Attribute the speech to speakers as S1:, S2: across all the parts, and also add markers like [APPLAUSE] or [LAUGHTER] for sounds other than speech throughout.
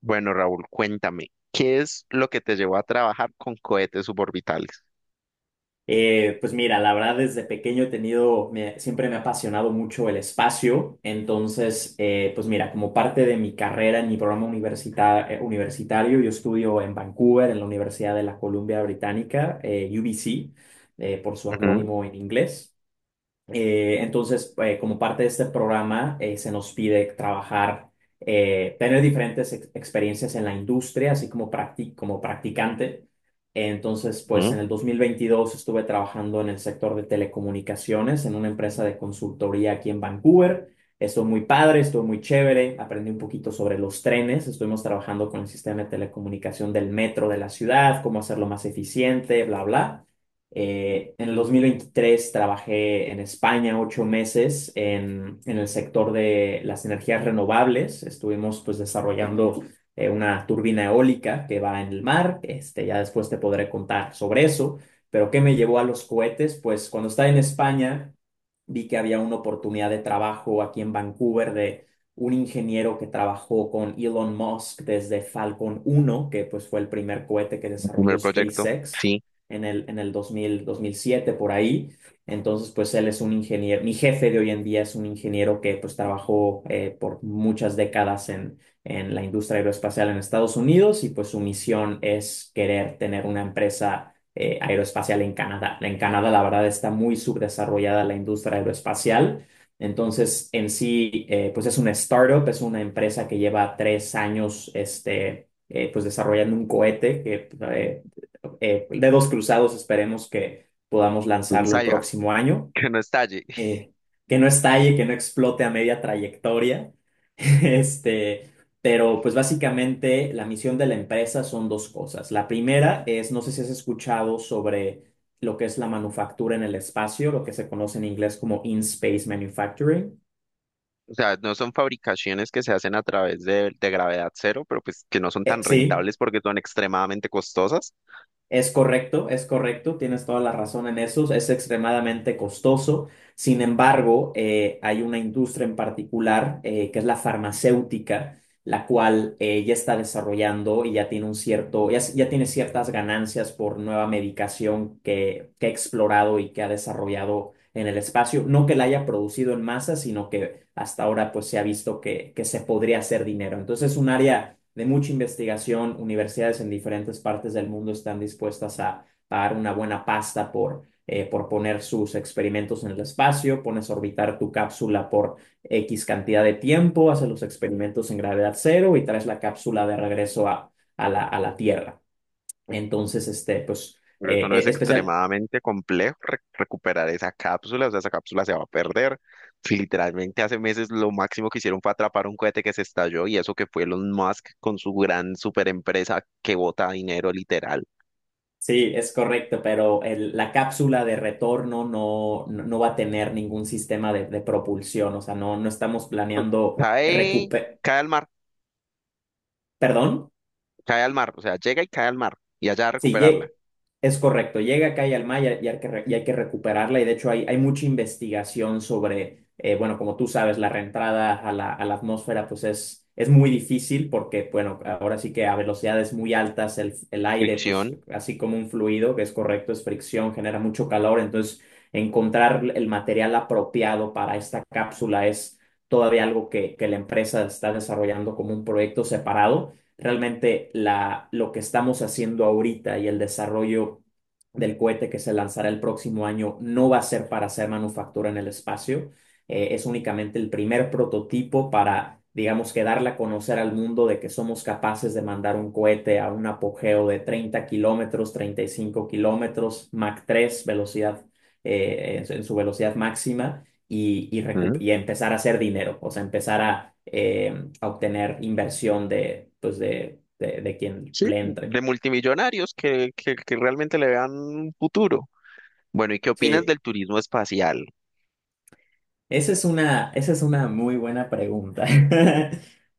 S1: Bueno, Raúl, cuéntame, ¿qué es lo que te llevó a trabajar con cohetes suborbitales?
S2: Pues mira, la verdad desde pequeño he tenido, siempre me ha apasionado mucho el espacio. Entonces, pues mira, como parte de mi carrera en mi programa universitario, yo estudio en Vancouver, en la Universidad de la Columbia Británica, UBC, por su
S1: Ujú,
S2: acrónimo en inglés. Entonces, como parte de este programa, se nos pide trabajar, tener diferentes experiencias en la industria, así como, como practicante. Entonces, pues
S1: ujú,
S2: en el 2022 estuve trabajando en el sector de telecomunicaciones, en una empresa de consultoría aquí en Vancouver. Estuvo muy padre, estuvo muy chévere, aprendí un poquito sobre los trenes, estuvimos trabajando con el sistema de telecomunicación del metro de la ciudad, cómo hacerlo más eficiente, bla, bla. En el 2023 trabajé en España 8 meses en el sector de las energías renovables. Estuvimos pues desarrollando una turbina eólica que va en el mar. Este, ya después te podré contar sobre eso. Pero ¿qué me llevó a los cohetes? Pues cuando estaba en España vi que había una oportunidad de trabajo aquí en Vancouver de un ingeniero que trabajó con Elon Musk desde Falcon 1, que pues fue el primer cohete que
S1: el
S2: desarrolló
S1: primer proyecto,
S2: SpaceX
S1: sí,
S2: en el dos mil siete por ahí. Entonces, pues él es un ingeniero, mi jefe de hoy en día es un ingeniero que pues trabajó por muchas décadas en la industria aeroespacial en Estados Unidos y pues su misión es querer tener una empresa aeroespacial en Canadá. En Canadá, la verdad, está muy subdesarrollada la industria aeroespacial. Entonces, en sí, pues es una startup, es una empresa que lleva 3 años, este, pues desarrollando un cohete que dedos cruzados, esperemos que podamos
S1: pues sí
S2: lanzarlo el
S1: salga,
S2: próximo año,
S1: [LAUGHS] que no estalle. [LAUGHS]
S2: eh, que no estalle, que no explote a media trayectoria. [LAUGHS] Este, pero pues básicamente la misión de la empresa son dos cosas. La primera es, no sé si has escuchado sobre lo que es la manufactura en el espacio, lo que se conoce en inglés como in-space manufacturing.
S1: O sea, no son fabricaciones que se hacen a través de gravedad cero, pero pues que no son
S2: Eh,
S1: tan
S2: sí.
S1: rentables porque son extremadamente costosas.
S2: Es correcto, tienes toda la razón en eso, es extremadamente costoso. Sin embargo, hay una industria en particular, que es la farmacéutica, la cual ya está desarrollando y ya tiene un cierto, ya tiene ciertas ganancias por nueva medicación que ha explorado y que ha desarrollado en el espacio. No que la haya producido en masa, sino que hasta ahora pues se ha visto que se podría hacer dinero. Entonces es un área de mucha investigación, universidades en diferentes partes del mundo están dispuestas a pagar una buena pasta por poner sus experimentos en el espacio, pones a orbitar tu cápsula por X cantidad de tiempo, haces los experimentos en gravedad cero y traes la cápsula de regreso a la Tierra. Entonces, este, pues,
S1: Pero eso no es
S2: especial.
S1: extremadamente complejo recuperar esa cápsula, o sea, esa cápsula se va a perder. Sí, literalmente hace meses lo máximo que hicieron fue atrapar un cohete que se estalló y eso que fue Elon Musk con su gran super empresa que bota dinero literal.
S2: Sí, es correcto, pero la cápsula de retorno no, no, no va a tener ningún sistema de propulsión, o sea, no, no estamos
S1: [LAUGHS] O sea,
S2: planeando
S1: cae,
S2: recupe-
S1: cae al mar,
S2: Perdón,
S1: cae al mar, o sea, llega y cae al mar y allá a
S2: sí,
S1: recuperarla.
S2: es correcto. Llega acá y al mar, y hay que recuperarla. Y de hecho hay mucha investigación sobre, bueno, como tú sabes, la reentrada a la atmósfera pues es, muy difícil porque, bueno, ahora sí que a velocidades muy altas el aire, pues
S1: Fricción,
S2: así como un fluido, que es correcto, es fricción, genera mucho calor. Entonces, encontrar el material apropiado para esta cápsula es todavía algo que la empresa está desarrollando como un proyecto separado realmente lo que estamos haciendo ahorita y el desarrollo del cohete que se lanzará el próximo año no va a ser para hacer manufactura en el espacio. Es únicamente el primer prototipo para, digamos, que darle a conocer al mundo de que somos capaces de mandar un cohete a un apogeo de 30 kilómetros, 35 kilómetros, Mach 3 velocidad, en su velocidad máxima y, y, recu-
S1: ujú.
S2: y empezar a hacer dinero, o sea, empezar a obtener inversión pues de quien
S1: Sí,
S2: le entre.
S1: de multimillonarios que realmente le vean un futuro. Bueno, ¿y qué opinas
S2: Sí,
S1: del turismo espacial?
S2: esa es una muy buena pregunta. [LAUGHS]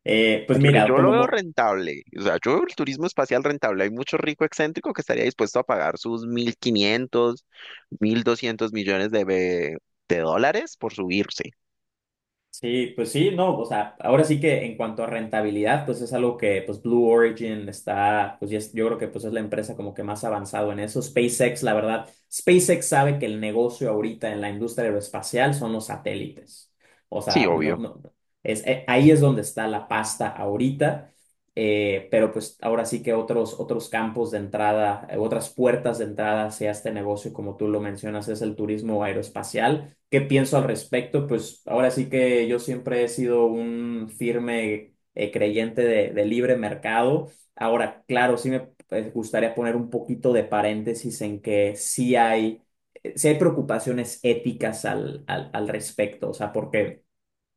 S2: Pues
S1: Porque
S2: mira,
S1: yo lo
S2: como,
S1: veo
S2: mo-
S1: rentable, o sea, yo veo el turismo espacial rentable. Hay mucho rico excéntrico que estaría dispuesto a pagar sus mil quinientos mil doscientos millones de, de dólares por subirse.
S2: Sí, pues sí, no, o sea, ahora sí que en cuanto a rentabilidad, pues es algo que pues Blue Origin está, pues ya yo creo que pues es la empresa como que más avanzado en eso. SpaceX, la verdad, SpaceX sabe que el negocio ahorita en la industria aeroespacial son los satélites. O
S1: Sí,
S2: sea, no,
S1: obvio.
S2: no, ahí es donde está la pasta ahorita, pero pues ahora sí que otros, otros campos de entrada, otras puertas de entrada hacia este negocio, como tú lo mencionas, es el turismo aeroespacial. ¿Qué pienso al respecto? Pues ahora sí que yo siempre he sido un firme creyente de libre mercado. Ahora, claro, sí me gustaría poner un poquito de paréntesis en que sí hay preocupaciones éticas al respecto, o sea, porque.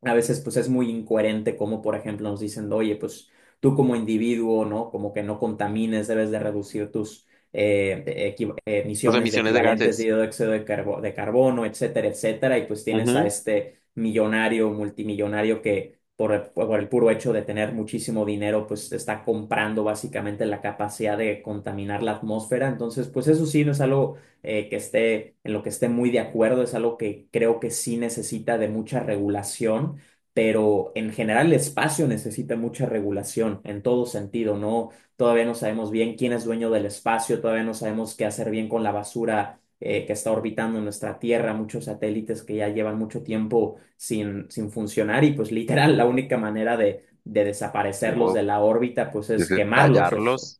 S2: A veces pues es muy incoherente como por ejemplo nos dicen, oye, pues tú como individuo, ¿no? Como que no contamines, debes de reducir tus
S1: Sus
S2: emisiones de
S1: emisiones de
S2: equivalentes de
S1: gases.
S2: dióxido de carbono, etcétera, etcétera. Y pues tienes a
S1: Ujú.
S2: este millonario, multimillonario que por el, por el, puro hecho de tener muchísimo dinero, pues está comprando básicamente la capacidad de contaminar la atmósfera. Entonces, pues eso sí no es algo en lo que esté muy de acuerdo, es algo que creo que sí necesita de mucha regulación, pero en general el espacio necesita mucha regulación en todo sentido, ¿no? Todavía no sabemos bien quién es dueño del espacio, todavía no sabemos qué hacer bien con la basura que está orbitando en nuestra Tierra, muchos satélites que ya llevan mucho tiempo sin funcionar y pues literal la única manera de desaparecerlos de
S1: No,
S2: la órbita pues es
S1: desde
S2: quemarlos, o- o-
S1: tallarlos.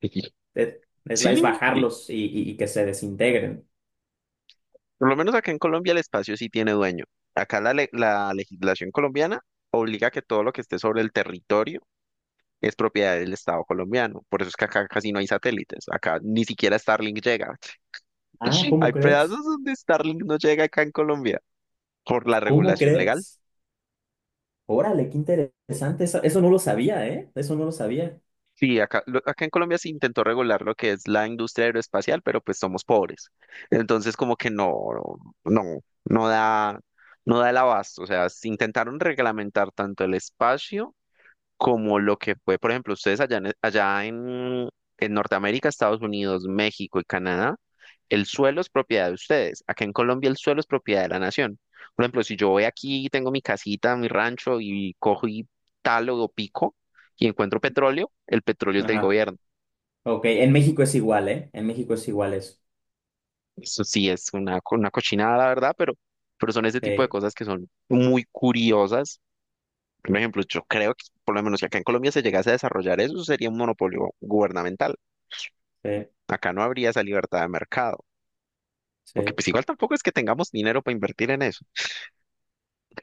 S1: Y
S2: es,
S1: sí,
S2: es
S1: y
S2: bajarlos y que se desintegren.
S1: por lo menos acá en Colombia el espacio sí tiene dueño. Acá la legislación colombiana obliga a que todo lo que esté sobre el territorio es propiedad del Estado colombiano. Por eso es que acá casi no hay satélites. Acá ni siquiera Starlink llega.
S2: Ah, ¿cómo
S1: Hay
S2: crees?
S1: pedazos donde Starlink no llega acá en Colombia por la
S2: ¿Cómo
S1: regulación legal.
S2: crees? Órale, qué interesante. Eso no lo sabía, ¿eh? Eso no lo sabía.
S1: Sí, acá, acá en Colombia se intentó regular lo que es la industria aeroespacial, pero pues somos pobres. Entonces como que no, no, no da, no da el abasto. O sea, se intentaron reglamentar tanto el espacio como lo que fue, por ejemplo, ustedes allá en Norteamérica, Estados Unidos, México y Canadá, el suelo es propiedad de ustedes. Acá en Colombia el suelo es propiedad de la nación. Por ejemplo, si yo voy aquí, tengo mi casita, mi rancho y cojo y talo o pico y encuentro petróleo, el petróleo es del
S2: Ajá.
S1: gobierno.
S2: Ok, en México es igual, ¿eh? En México es igual eso.
S1: Eso sí es una, una cochinada, la verdad, pero son ese tipo de
S2: Sí,
S1: cosas que son muy curiosas. Por ejemplo, yo creo que por lo menos si acá en Colombia se llegase a desarrollar eso, sería un monopolio gubernamental.
S2: sí,
S1: Acá no habría esa libertad de mercado, porque
S2: sí.
S1: pues igual tampoco es que tengamos dinero para invertir en eso.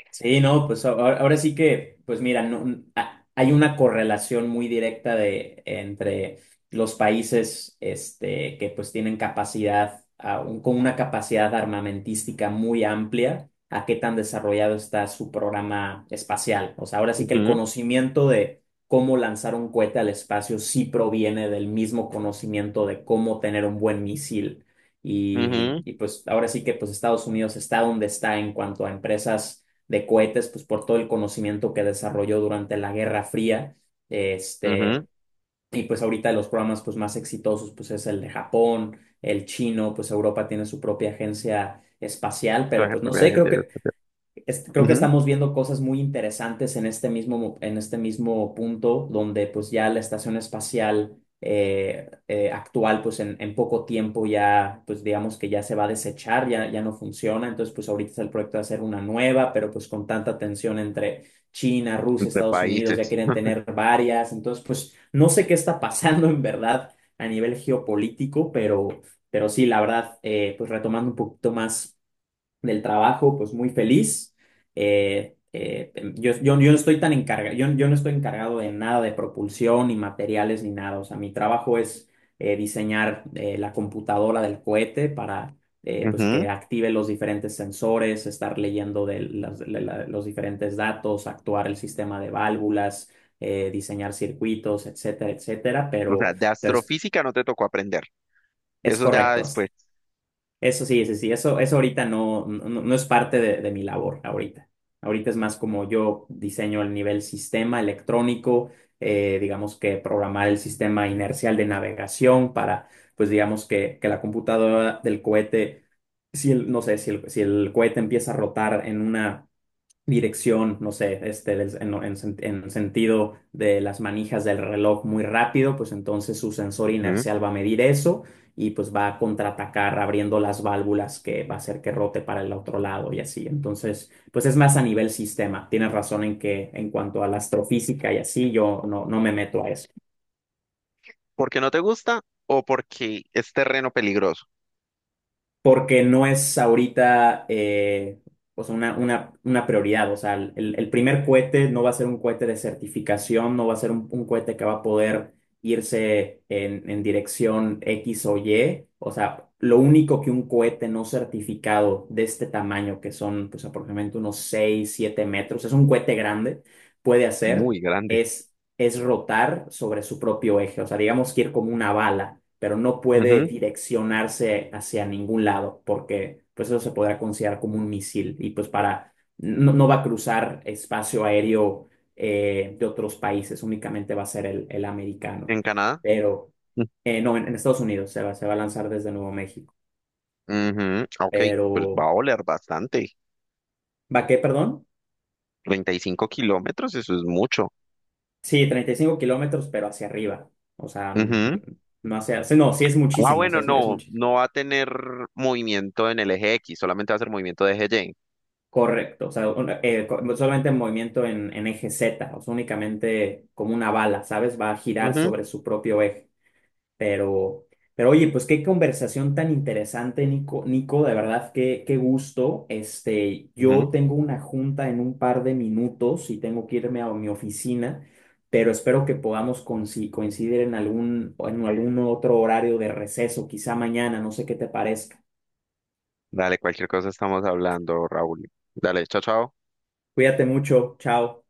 S2: Sí, no, pues ahora, ahora sí que, pues mira, no, hay una correlación muy directa entre los países este, que pues tienen capacidad, con una capacidad armamentística muy amplia, a qué tan desarrollado está su programa espacial. O sea, ahora sí que el
S1: Ujú,
S2: conocimiento de cómo lanzar un cohete al espacio sí proviene del mismo conocimiento de cómo tener un buen misil. Y,
S1: ujú,
S2: y pues ahora sí que pues Estados Unidos está donde está en cuanto a empresas de cohetes, pues por todo el conocimiento que desarrolló durante la Guerra Fría,
S1: ujú.
S2: este, y pues ahorita los programas pues más exitosos pues es el de Japón, el chino, pues Europa tiene su propia agencia espacial, pero
S1: Traje
S2: pues no sé,
S1: propiedades
S2: creo
S1: interiores,
S2: que creo que
S1: ujú.
S2: estamos viendo cosas muy interesantes en este mismo, en este mismo punto, donde pues ya la estación espacial actual, pues en, poco tiempo ya, pues digamos que ya se va a desechar, ya, ya no funciona, entonces pues ahorita está el proyecto de hacer una nueva, pero pues con tanta tensión entre China, Rusia,
S1: Entre
S2: Estados Unidos, ya
S1: países.
S2: quieren tener varias, entonces pues no sé qué está pasando en verdad a nivel geopolítico, pero sí, la verdad, pues retomando un poquito más del trabajo, pues muy feliz. Yo no estoy tan encargado, yo no estoy encargado de nada de propulsión, ni materiales, ni nada. O sea, mi trabajo es diseñar la computadora del cohete para pues
S1: Ujú.
S2: que active los diferentes sensores, estar leyendo de las- de la- los diferentes datos, actuar el sistema de válvulas, diseñar circuitos, etcétera, etcétera.
S1: O
S2: Pero,
S1: sea, de
S2: pero es,
S1: astrofísica no te tocó aprender.
S2: es
S1: Eso ya
S2: correcto.
S1: después.
S2: Eso sí, sí, sí, eso ahorita no, no, no no es parte de mi labor ahorita. Ahorita es más como yo diseño el nivel sistema electrónico, digamos que programar el sistema inercial de navegación para, pues digamos que, la computadora del cohete, no sé, si el cohete empieza a rotar en una dirección, no sé, este, en sentido de las manijas del reloj muy rápido, pues entonces su sensor
S1: Ujú.
S2: inercial va a medir eso y pues va a contraatacar abriendo las válvulas que va a hacer que rote para el otro lado y así. Entonces, pues es más a nivel sistema. Tienes razón en que en cuanto a la astrofísica y así, yo no, no me meto a eso.
S1: ¿Porque no te gusta o porque es terreno peligroso?
S2: Porque no es ahorita o sea, una prioridad. O sea, el primer cohete no va a ser un cohete de certificación, no va a ser un cohete que va a poder irse en, dirección X o Y. O sea, lo único que un cohete no certificado de este tamaño, que son pues, aproximadamente unos 6 7 metros, es un cohete grande, puede hacer
S1: Muy grande.
S2: es es rotar sobre su propio eje, o sea, digamos que ir como una bala, pero no puede
S1: Ujú.
S2: direccionarse hacia ningún lado, porque pues eso se podrá considerar como un misil y pues para, no, no va a cruzar espacio aéreo de otros países, únicamente va a ser el, americano,
S1: ¿En Canadá?
S2: pero no, en Estados Unidos se va a lanzar desde Nuevo México,
S1: Ujú, ok, pues va
S2: pero
S1: a oler bastante.
S2: ¿va qué, perdón?
S1: 35 kilómetros, eso es mucho.
S2: Sí, 35 kilómetros, pero hacia arriba, o sea,
S1: Ujú.
S2: no hacia, sí, no, sí es
S1: Ah,
S2: muchísimo, o sea,
S1: bueno,
S2: es
S1: no,
S2: muchísimo.
S1: no va a tener movimiento en el eje X, solamente va a ser movimiento de eje Y.
S2: Correcto, o sea, solamente en movimiento en eje Z, o sea, únicamente como una bala, ¿sabes? Va a girar
S1: Ujú,
S2: sobre su propio eje. Pero, pero oye, pues qué conversación tan interesante, Nico, Nico, de verdad, qué gusto. Este, yo
S1: ujú.
S2: tengo una junta en un par de minutos y tengo que irme a mi oficina, pero espero que podamos coincidir en algún otro horario de receso, quizá mañana, no sé qué te parezca.
S1: Dale, cualquier cosa estamos hablando, Raúl. Dale, chao, chao.
S2: Cuídate mucho, chao.